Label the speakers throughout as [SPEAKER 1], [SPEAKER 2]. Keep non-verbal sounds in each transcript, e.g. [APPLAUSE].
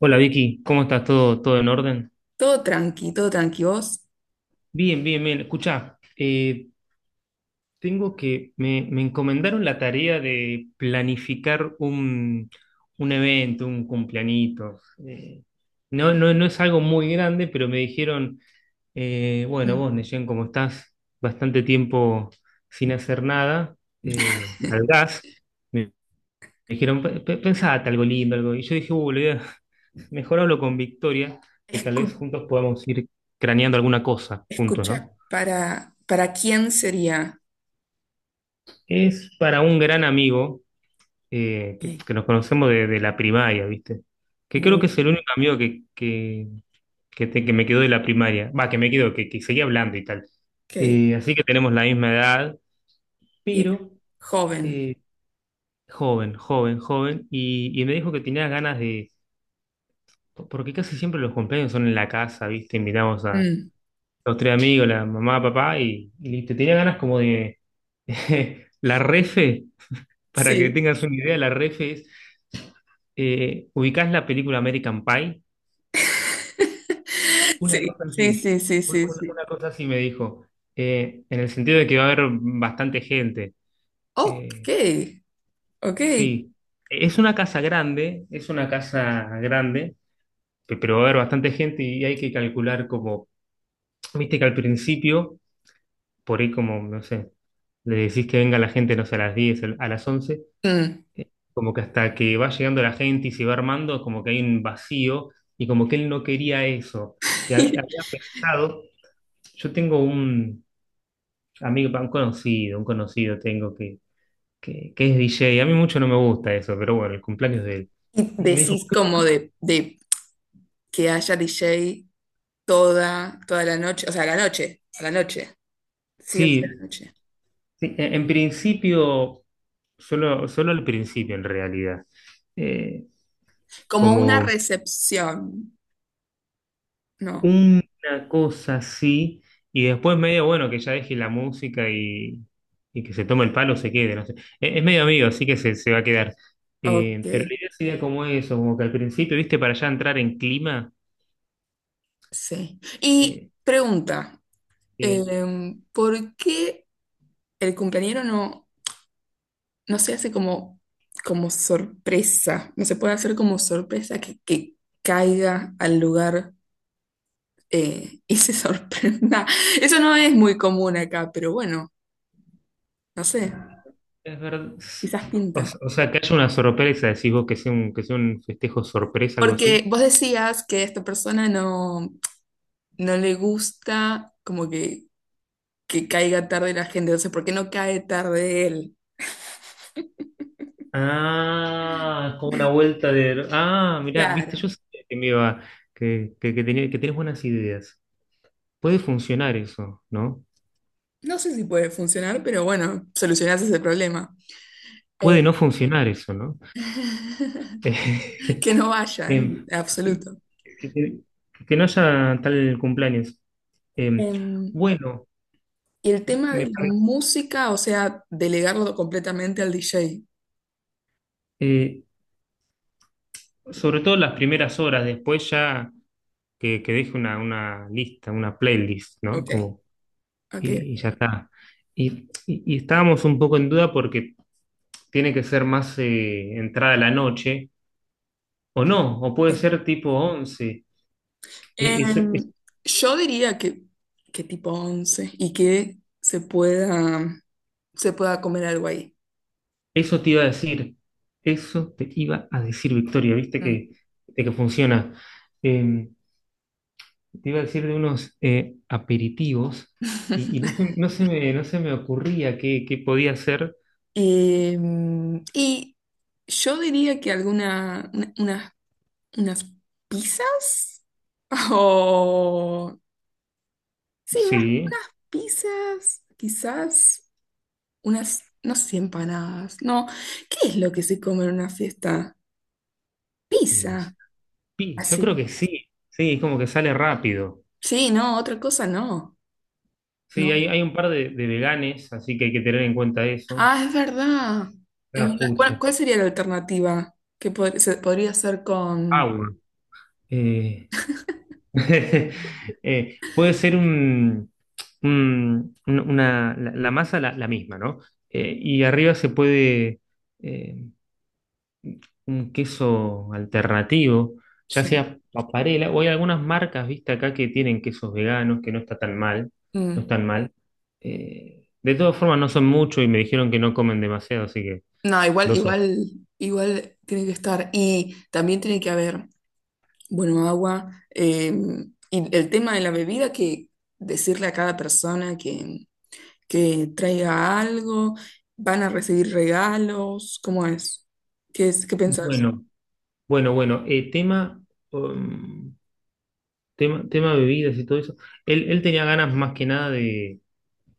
[SPEAKER 1] Hola Vicky, ¿cómo estás? ¿Todo en orden?
[SPEAKER 2] Todo tranqui, todo tranqui. Vos.
[SPEAKER 1] Bien, bien, bien. Escuchá, tengo me encomendaron la tarea de planificar un evento, un cumpleañito. Eh, no es algo muy grande, pero me dijeron, bueno,
[SPEAKER 2] Mm.
[SPEAKER 1] vos, Neyen, como estás bastante tiempo sin hacer nada, al gas. Me dijeron, Pensate algo lindo, algo". Y yo dije, le voy [LAUGHS] mejor hablo con Victoria, que tal
[SPEAKER 2] escu-
[SPEAKER 1] vez juntos podamos ir craneando alguna cosa juntos,
[SPEAKER 2] Escucha,
[SPEAKER 1] ¿no?
[SPEAKER 2] para quién sería?
[SPEAKER 1] Es para un gran amigo,
[SPEAKER 2] Sí.
[SPEAKER 1] que nos conocemos de la primaria, ¿viste? Que creo
[SPEAKER 2] Bu-
[SPEAKER 1] que es el único amigo que me quedó de la primaria. Va, que me quedó, que seguía hablando y tal.
[SPEAKER 2] Ok,
[SPEAKER 1] Así que tenemos la misma edad,
[SPEAKER 2] bien.
[SPEAKER 1] pero
[SPEAKER 2] Joven.
[SPEAKER 1] eh, joven, joven, joven. Y me dijo que tenía ganas de… Porque casi siempre los cumpleaños son en la casa, ¿viste? Invitamos a
[SPEAKER 2] Mm,
[SPEAKER 1] los tres amigos, la mamá, papá, y listo. Tenía ganas como de… [LAUGHS] La refe, para que
[SPEAKER 2] sí.
[SPEAKER 1] tengas una idea, la refe es… ¿ubicás la película American Pie?
[SPEAKER 2] [LAUGHS]
[SPEAKER 1] Una
[SPEAKER 2] Sí,
[SPEAKER 1] cosa
[SPEAKER 2] sí,
[SPEAKER 1] así,
[SPEAKER 2] sí, sí, sí, sí.
[SPEAKER 1] una cosa así me dijo, en el sentido de que va a haber bastante gente.
[SPEAKER 2] Ok,
[SPEAKER 1] Eh,
[SPEAKER 2] ok.
[SPEAKER 1] sí, es una casa grande, es una casa grande, pero va a haber bastante gente y hay que calcular como, viste que al principio por ahí como, no sé, le decís que venga la gente, no sé, a las 10 a las once,
[SPEAKER 2] Mm.
[SPEAKER 1] como que hasta que va llegando la gente y se va armando, como que hay un vacío y como que él no quería eso. Y había
[SPEAKER 2] [LAUGHS]
[SPEAKER 1] pensado, yo tengo un amigo, un conocido tengo que es DJ, a mí mucho no me gusta eso, pero bueno, el cumpleaños de él.
[SPEAKER 2] Y
[SPEAKER 1] Y me dijo,
[SPEAKER 2] decís
[SPEAKER 1] por
[SPEAKER 2] como
[SPEAKER 1] qué?
[SPEAKER 2] de que haya DJ toda, toda la noche, o sea, a la noche, a la noche. Sí, o sea, a la
[SPEAKER 1] Sí,
[SPEAKER 2] noche.
[SPEAKER 1] sí, en principio, solo, solo al principio en realidad. Eh,
[SPEAKER 2] Como una
[SPEAKER 1] como…
[SPEAKER 2] recepción, ¿no?
[SPEAKER 1] Una cosa así. Y después medio, bueno, que ya deje la música y que se tome el palo, se quede, no sé. Es medio amigo, así que se va a quedar.
[SPEAKER 2] Ok.
[SPEAKER 1] Pero la idea sería como eso, como que al principio, viste, para ya entrar en clima,
[SPEAKER 2] Sí. Y
[SPEAKER 1] eh,
[SPEAKER 2] pregunta,
[SPEAKER 1] eh,
[SPEAKER 2] ¿por qué el cumpleañero no se hace como, como sorpresa? No se puede hacer como sorpresa que caiga al lugar y se [LAUGHS] sorprenda. Eso no es muy común acá, pero bueno, no sé,
[SPEAKER 1] es verdad.
[SPEAKER 2] quizás
[SPEAKER 1] O,
[SPEAKER 2] pinta.
[SPEAKER 1] o sea, que haya una sorpresa, decís vos, que sea un festejo sorpresa, algo
[SPEAKER 2] Porque
[SPEAKER 1] así.
[SPEAKER 2] vos decías que a esta persona no, no le gusta como que caiga tarde la gente, entonces, ¿por qué no cae tarde él?
[SPEAKER 1] Ah, es como una vuelta de… Ah, mirá, viste,
[SPEAKER 2] Claro.
[SPEAKER 1] yo sabía que me iba, que tenía, que tenés buenas ideas. Puede funcionar eso, ¿no?
[SPEAKER 2] No sé si puede funcionar, pero bueno, solucionás ese problema. Eh,
[SPEAKER 1] Puede no funcionar eso, ¿no? [LAUGHS]
[SPEAKER 2] [LAUGHS]
[SPEAKER 1] Eh,
[SPEAKER 2] que no vayan,
[SPEAKER 1] Em, sí,
[SPEAKER 2] absoluto.
[SPEAKER 1] que, que- que no haya tal cumpleaños. Em,
[SPEAKER 2] Em,
[SPEAKER 1] bueno,
[SPEAKER 2] y el tema de
[SPEAKER 1] me
[SPEAKER 2] la
[SPEAKER 1] parece,
[SPEAKER 2] música, o sea, delegarlo completamente al DJ.
[SPEAKER 1] eh, sobre todo las primeras horas, después ya que deje una lista, una playlist, ¿no?
[SPEAKER 2] Ok,
[SPEAKER 1] Como,
[SPEAKER 2] ok.
[SPEAKER 1] y ya está. Y estábamos un poco en duda porque tiene que ser más entrada la noche, o no, o puede
[SPEAKER 2] Sí.
[SPEAKER 1] ser tipo 11.
[SPEAKER 2] Em, yo diría que tipo 11 y que se se pueda comer algo ahí.
[SPEAKER 1] Eso te iba a decir, eso te iba a decir, Victoria, viste
[SPEAKER 2] Mm.
[SPEAKER 1] que, de que funciona. Eh, te iba a decir de unos aperitivos y
[SPEAKER 2] [LAUGHS]
[SPEAKER 1] no se me ocurría qué, qué podía hacer.
[SPEAKER 2] Y yo diría que alguna, unas ¿Unas pizzas? [LAUGHS] O... Sí, unas
[SPEAKER 1] Sí,
[SPEAKER 2] pizzas, quizás unas, no sé, empanadas. No, ¿qué es lo que se come en una fiesta?
[SPEAKER 1] y no sé.
[SPEAKER 2] Pizza,
[SPEAKER 1] Sí, yo
[SPEAKER 2] así.
[SPEAKER 1] creo que sí, sí, es como que sale rápido.
[SPEAKER 2] Sí, no, otra cosa no.
[SPEAKER 1] Sí,
[SPEAKER 2] No.
[SPEAKER 1] hay un par de veganes, así que hay que tener en cuenta eso.
[SPEAKER 2] Ah, es verdad. Es
[SPEAKER 1] La
[SPEAKER 2] verdad. ¿Cuál,
[SPEAKER 1] pucha,
[SPEAKER 2] cuál sería la alternativa? Que podría ser con...
[SPEAKER 1] agua. Eh, [LAUGHS] puede ser una, la masa la misma, ¿no? Y arriba se puede eh, un queso alternativo, ya
[SPEAKER 2] Sí.
[SPEAKER 1] sea paparela, o hay algunas marcas, viste, acá que tienen quesos veganos, que no está tan mal, no
[SPEAKER 2] Mm.
[SPEAKER 1] están mal. De todas formas, no son muchos y me dijeron que no comen demasiado, así que
[SPEAKER 2] No, igual,
[SPEAKER 1] dos son.
[SPEAKER 2] igual, igual tiene que estar. Y también tiene que haber. Bueno, agua. Y el tema de la bebida, que decirle a cada persona que traiga algo, van a recibir regalos, ¿cómo es? ¿Qué es? ¿Qué pensás?
[SPEAKER 1] Bueno, bueno, bueno, tema, um, tema, tema bebidas y todo eso. Él tenía ganas más que nada de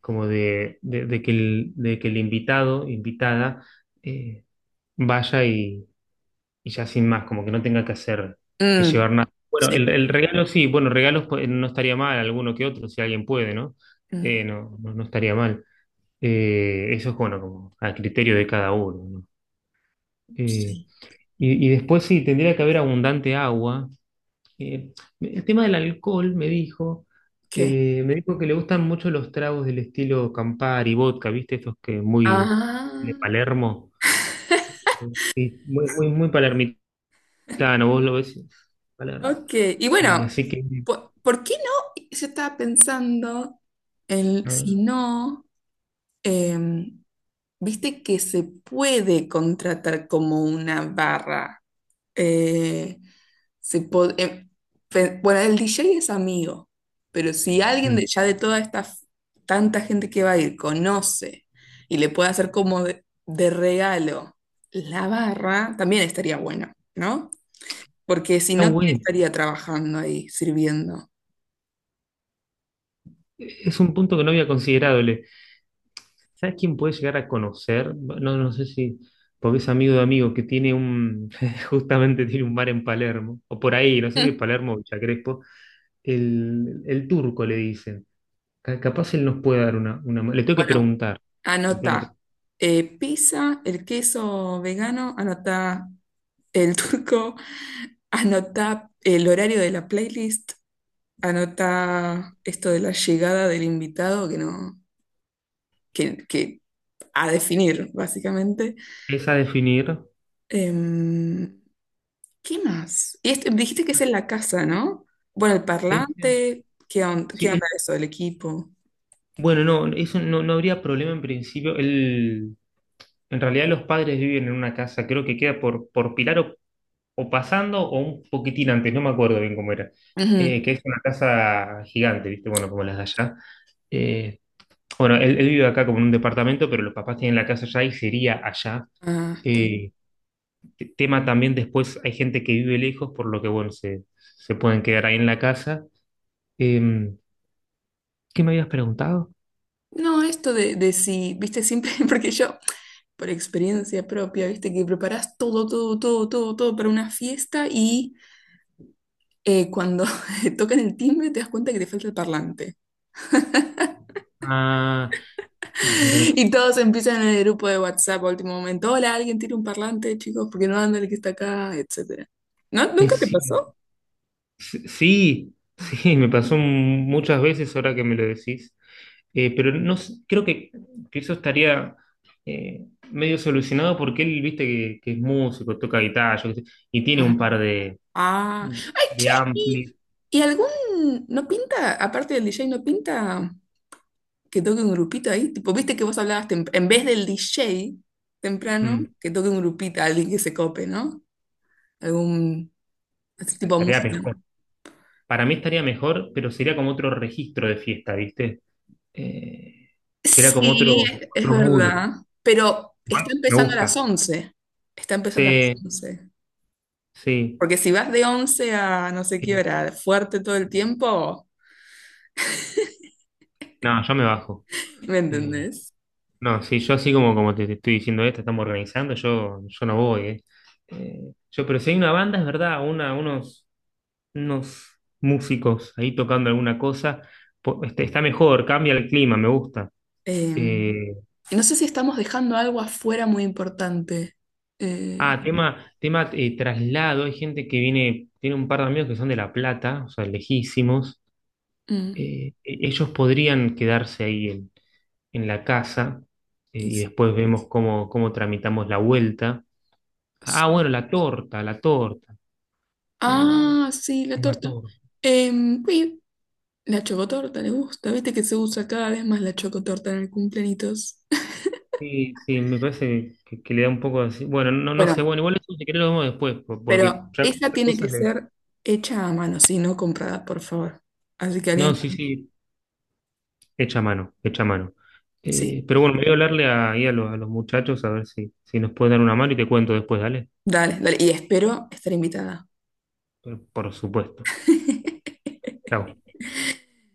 [SPEAKER 1] como de que de que el invitado, invitada, eh, vaya y ya sin más, como que no tenga que hacer, que
[SPEAKER 2] Mm,
[SPEAKER 1] llevar nada. Bueno,
[SPEAKER 2] sí.
[SPEAKER 1] el regalo sí, bueno, regalos pues, no estaría mal, alguno que otro, si alguien puede, ¿no?
[SPEAKER 2] Mm,
[SPEAKER 1] No estaría mal. Eso es bueno, como a criterio de cada uno, ¿no? Eh,
[SPEAKER 2] sí.
[SPEAKER 1] y después sí, tendría que haber abundante agua, que el tema del alcohol
[SPEAKER 2] ¿Qué?
[SPEAKER 1] me dijo que le gustan mucho los tragos del estilo Campari, vodka, ¿viste? Estos que muy
[SPEAKER 2] Ah,
[SPEAKER 1] de Palermo. Sí, muy, muy, muy palermitano, vos lo ves, Palermo.
[SPEAKER 2] ok. Y bueno,
[SPEAKER 1] Así que
[SPEAKER 2] ¿por qué no? Yo estaba pensando en si
[SPEAKER 1] ah,
[SPEAKER 2] no, em, viste que se puede contratar como una barra. Eh, se po- em, pe- bueno, el DJ es amigo, pero si alguien
[SPEAKER 1] mm,
[SPEAKER 2] ya de toda esta tanta gente que va a ir conoce y le puede hacer como de regalo la barra, también estaría bueno, ¿no? Porque si
[SPEAKER 1] está
[SPEAKER 2] no, ¿quién
[SPEAKER 1] bueno.
[SPEAKER 2] estaría trabajando ahí, sirviendo?
[SPEAKER 1] Es un punto que no había considerado. ¿Sabes quién puede llegar a conocer? No, no sé si, porque es amigo de amigo que tiene un, [LAUGHS] justamente tiene un bar en Palermo, o por ahí, no sé si
[SPEAKER 2] [LAUGHS]
[SPEAKER 1] Palermo o Villa Crespo. El turco le dicen. Capaz él nos puede dar una Le tengo que
[SPEAKER 2] Bueno,
[SPEAKER 1] preguntar. Le tengo que
[SPEAKER 2] anota pizza, el queso vegano, anota el turco, [LAUGHS] anota el horario de la playlist. Anota esto de la llegada del invitado que no, que a definir, básicamente.
[SPEAKER 1] Es a definir.
[SPEAKER 2] Em, ¿qué más? Y esto, dijiste que es en la casa, ¿no? Bueno, el
[SPEAKER 1] Este,
[SPEAKER 2] parlante, qué
[SPEAKER 1] sí,
[SPEAKER 2] onda eso el equipo?
[SPEAKER 1] bueno, no, eso no, no habría problema en principio. Él, en realidad los padres viven en una casa, creo que queda por Pilar o pasando o un poquitín antes, no me acuerdo bien cómo era.
[SPEAKER 2] Ujú.
[SPEAKER 1] Que es una casa gigante, ¿viste? Bueno, como las de allá. Eh, bueno, él, él vive acá como en un departamento, pero los papás tienen la casa allá y sería allá.
[SPEAKER 2] Ah, está bien.
[SPEAKER 1] Eh, Tema también después hay gente que vive lejos, por lo que bueno, se pueden quedar ahí en la casa. Em, ¿Qué me habías preguntado?
[SPEAKER 2] No, esto de si, viste, siempre, [LAUGHS] porque yo, por experiencia propia, viste, que preparás todo, todo, todo, todo, todo para una fiesta y cuando [LAUGHS] tocan el timbre te das cuenta que te falta el parlante.
[SPEAKER 1] Ah, es verdad.
[SPEAKER 2] [LAUGHS] Y todos empiezan en el grupo de WhatsApp a último momento. Hola, alguien tiene un parlante, chicos, porque no anda el que está acá, etcétera. ¿No?
[SPEAKER 1] Es
[SPEAKER 2] ¿Nunca te
[SPEAKER 1] cierto.
[SPEAKER 2] pasó?
[SPEAKER 1] Sí, sí, [LAUGHS] me pasó muchas veces ahora que me lo decís. Pero no s- creo que eso estaría eh, medio solucionado porque él, viste, que es músico, toca guitarra, yo qué sé, y tiene
[SPEAKER 2] Ah.
[SPEAKER 1] un par
[SPEAKER 2] Ah. Ay,
[SPEAKER 1] de
[SPEAKER 2] che, ¿y,
[SPEAKER 1] amplis.
[SPEAKER 2] y algún no pinta, aparte del DJ, no pinta que toque un grupito ahí? Tipo, viste que vos hablabas en vez del DJ temprano,
[SPEAKER 1] Mm,
[SPEAKER 2] que toque un grupito, alguien que se cope, ¿no? Algún así tipo de
[SPEAKER 1] estaría
[SPEAKER 2] música.
[SPEAKER 1] mejor. Para mí estaría mejor, pero sería como otro registro de fiesta, ¿viste? Eh, sería como
[SPEAKER 2] Sí,
[SPEAKER 1] otro,
[SPEAKER 2] es
[SPEAKER 1] otro mood.
[SPEAKER 2] verdad, pero está
[SPEAKER 1] Bueno, me
[SPEAKER 2] empezando a las
[SPEAKER 1] gusta.
[SPEAKER 2] once. Está empezando a las
[SPEAKER 1] Sí,
[SPEAKER 2] once.
[SPEAKER 1] sí.
[SPEAKER 2] Porque si vas de 11 a no sé qué
[SPEAKER 1] Eh,
[SPEAKER 2] hora, fuerte todo el tiempo,
[SPEAKER 1] no, yo me bajo.
[SPEAKER 2] ¿me
[SPEAKER 1] Eh,
[SPEAKER 2] entendés?
[SPEAKER 1] no, sí, yo así como, como te estoy diciendo esto, estamos organizando, yo no voy, ¿eh? Yo, pero si hay una banda, es verdad, una, unos, unos músicos ahí tocando alguna cosa, este, está mejor, cambia el clima, me gusta.
[SPEAKER 2] Eh,
[SPEAKER 1] Eh,
[SPEAKER 2] y no sé si estamos dejando algo afuera muy importante. Eh,
[SPEAKER 1] Ah, tema, tema traslado. Hay gente que viene, tiene un par de amigos que son de La Plata, o sea, lejísimos.
[SPEAKER 2] mm,
[SPEAKER 1] Ellos podrían quedarse ahí en la casa,
[SPEAKER 2] y
[SPEAKER 1] y
[SPEAKER 2] s-
[SPEAKER 1] después vemos cómo, cómo tramitamos la vuelta. Ah, bueno,
[SPEAKER 2] sí.
[SPEAKER 1] la torta, la torta. Eh,
[SPEAKER 2] Ah, sí, la
[SPEAKER 1] tema
[SPEAKER 2] torta.
[SPEAKER 1] torta.
[SPEAKER 2] Em, uy, la chocotorta le gusta, viste que se usa cada vez más la chocotorta en el cumpleañitos. [LAUGHS]
[SPEAKER 1] Sí, sí, me parece que le da un poco así. Bueno, no, no sé,
[SPEAKER 2] Bueno,
[SPEAKER 1] bueno, igual eso si querés lo vemos después, porque
[SPEAKER 2] pero
[SPEAKER 1] ya
[SPEAKER 2] esa tiene que
[SPEAKER 1] cosas de…
[SPEAKER 2] ser hecha a mano, sí, no comprada, por favor. Así que
[SPEAKER 1] No,
[SPEAKER 2] alguien,
[SPEAKER 1] sí, sí, hecha a mano, hecha a mano.
[SPEAKER 2] sí,
[SPEAKER 1] Pero bueno, me voy a hablarle ahí a los muchachos a ver si, si nos pueden dar una mano y te cuento después, dale.
[SPEAKER 2] dale, dale. Y espero estar invitada.
[SPEAKER 1] Pero por supuesto.
[SPEAKER 2] [LAUGHS]
[SPEAKER 1] Chau.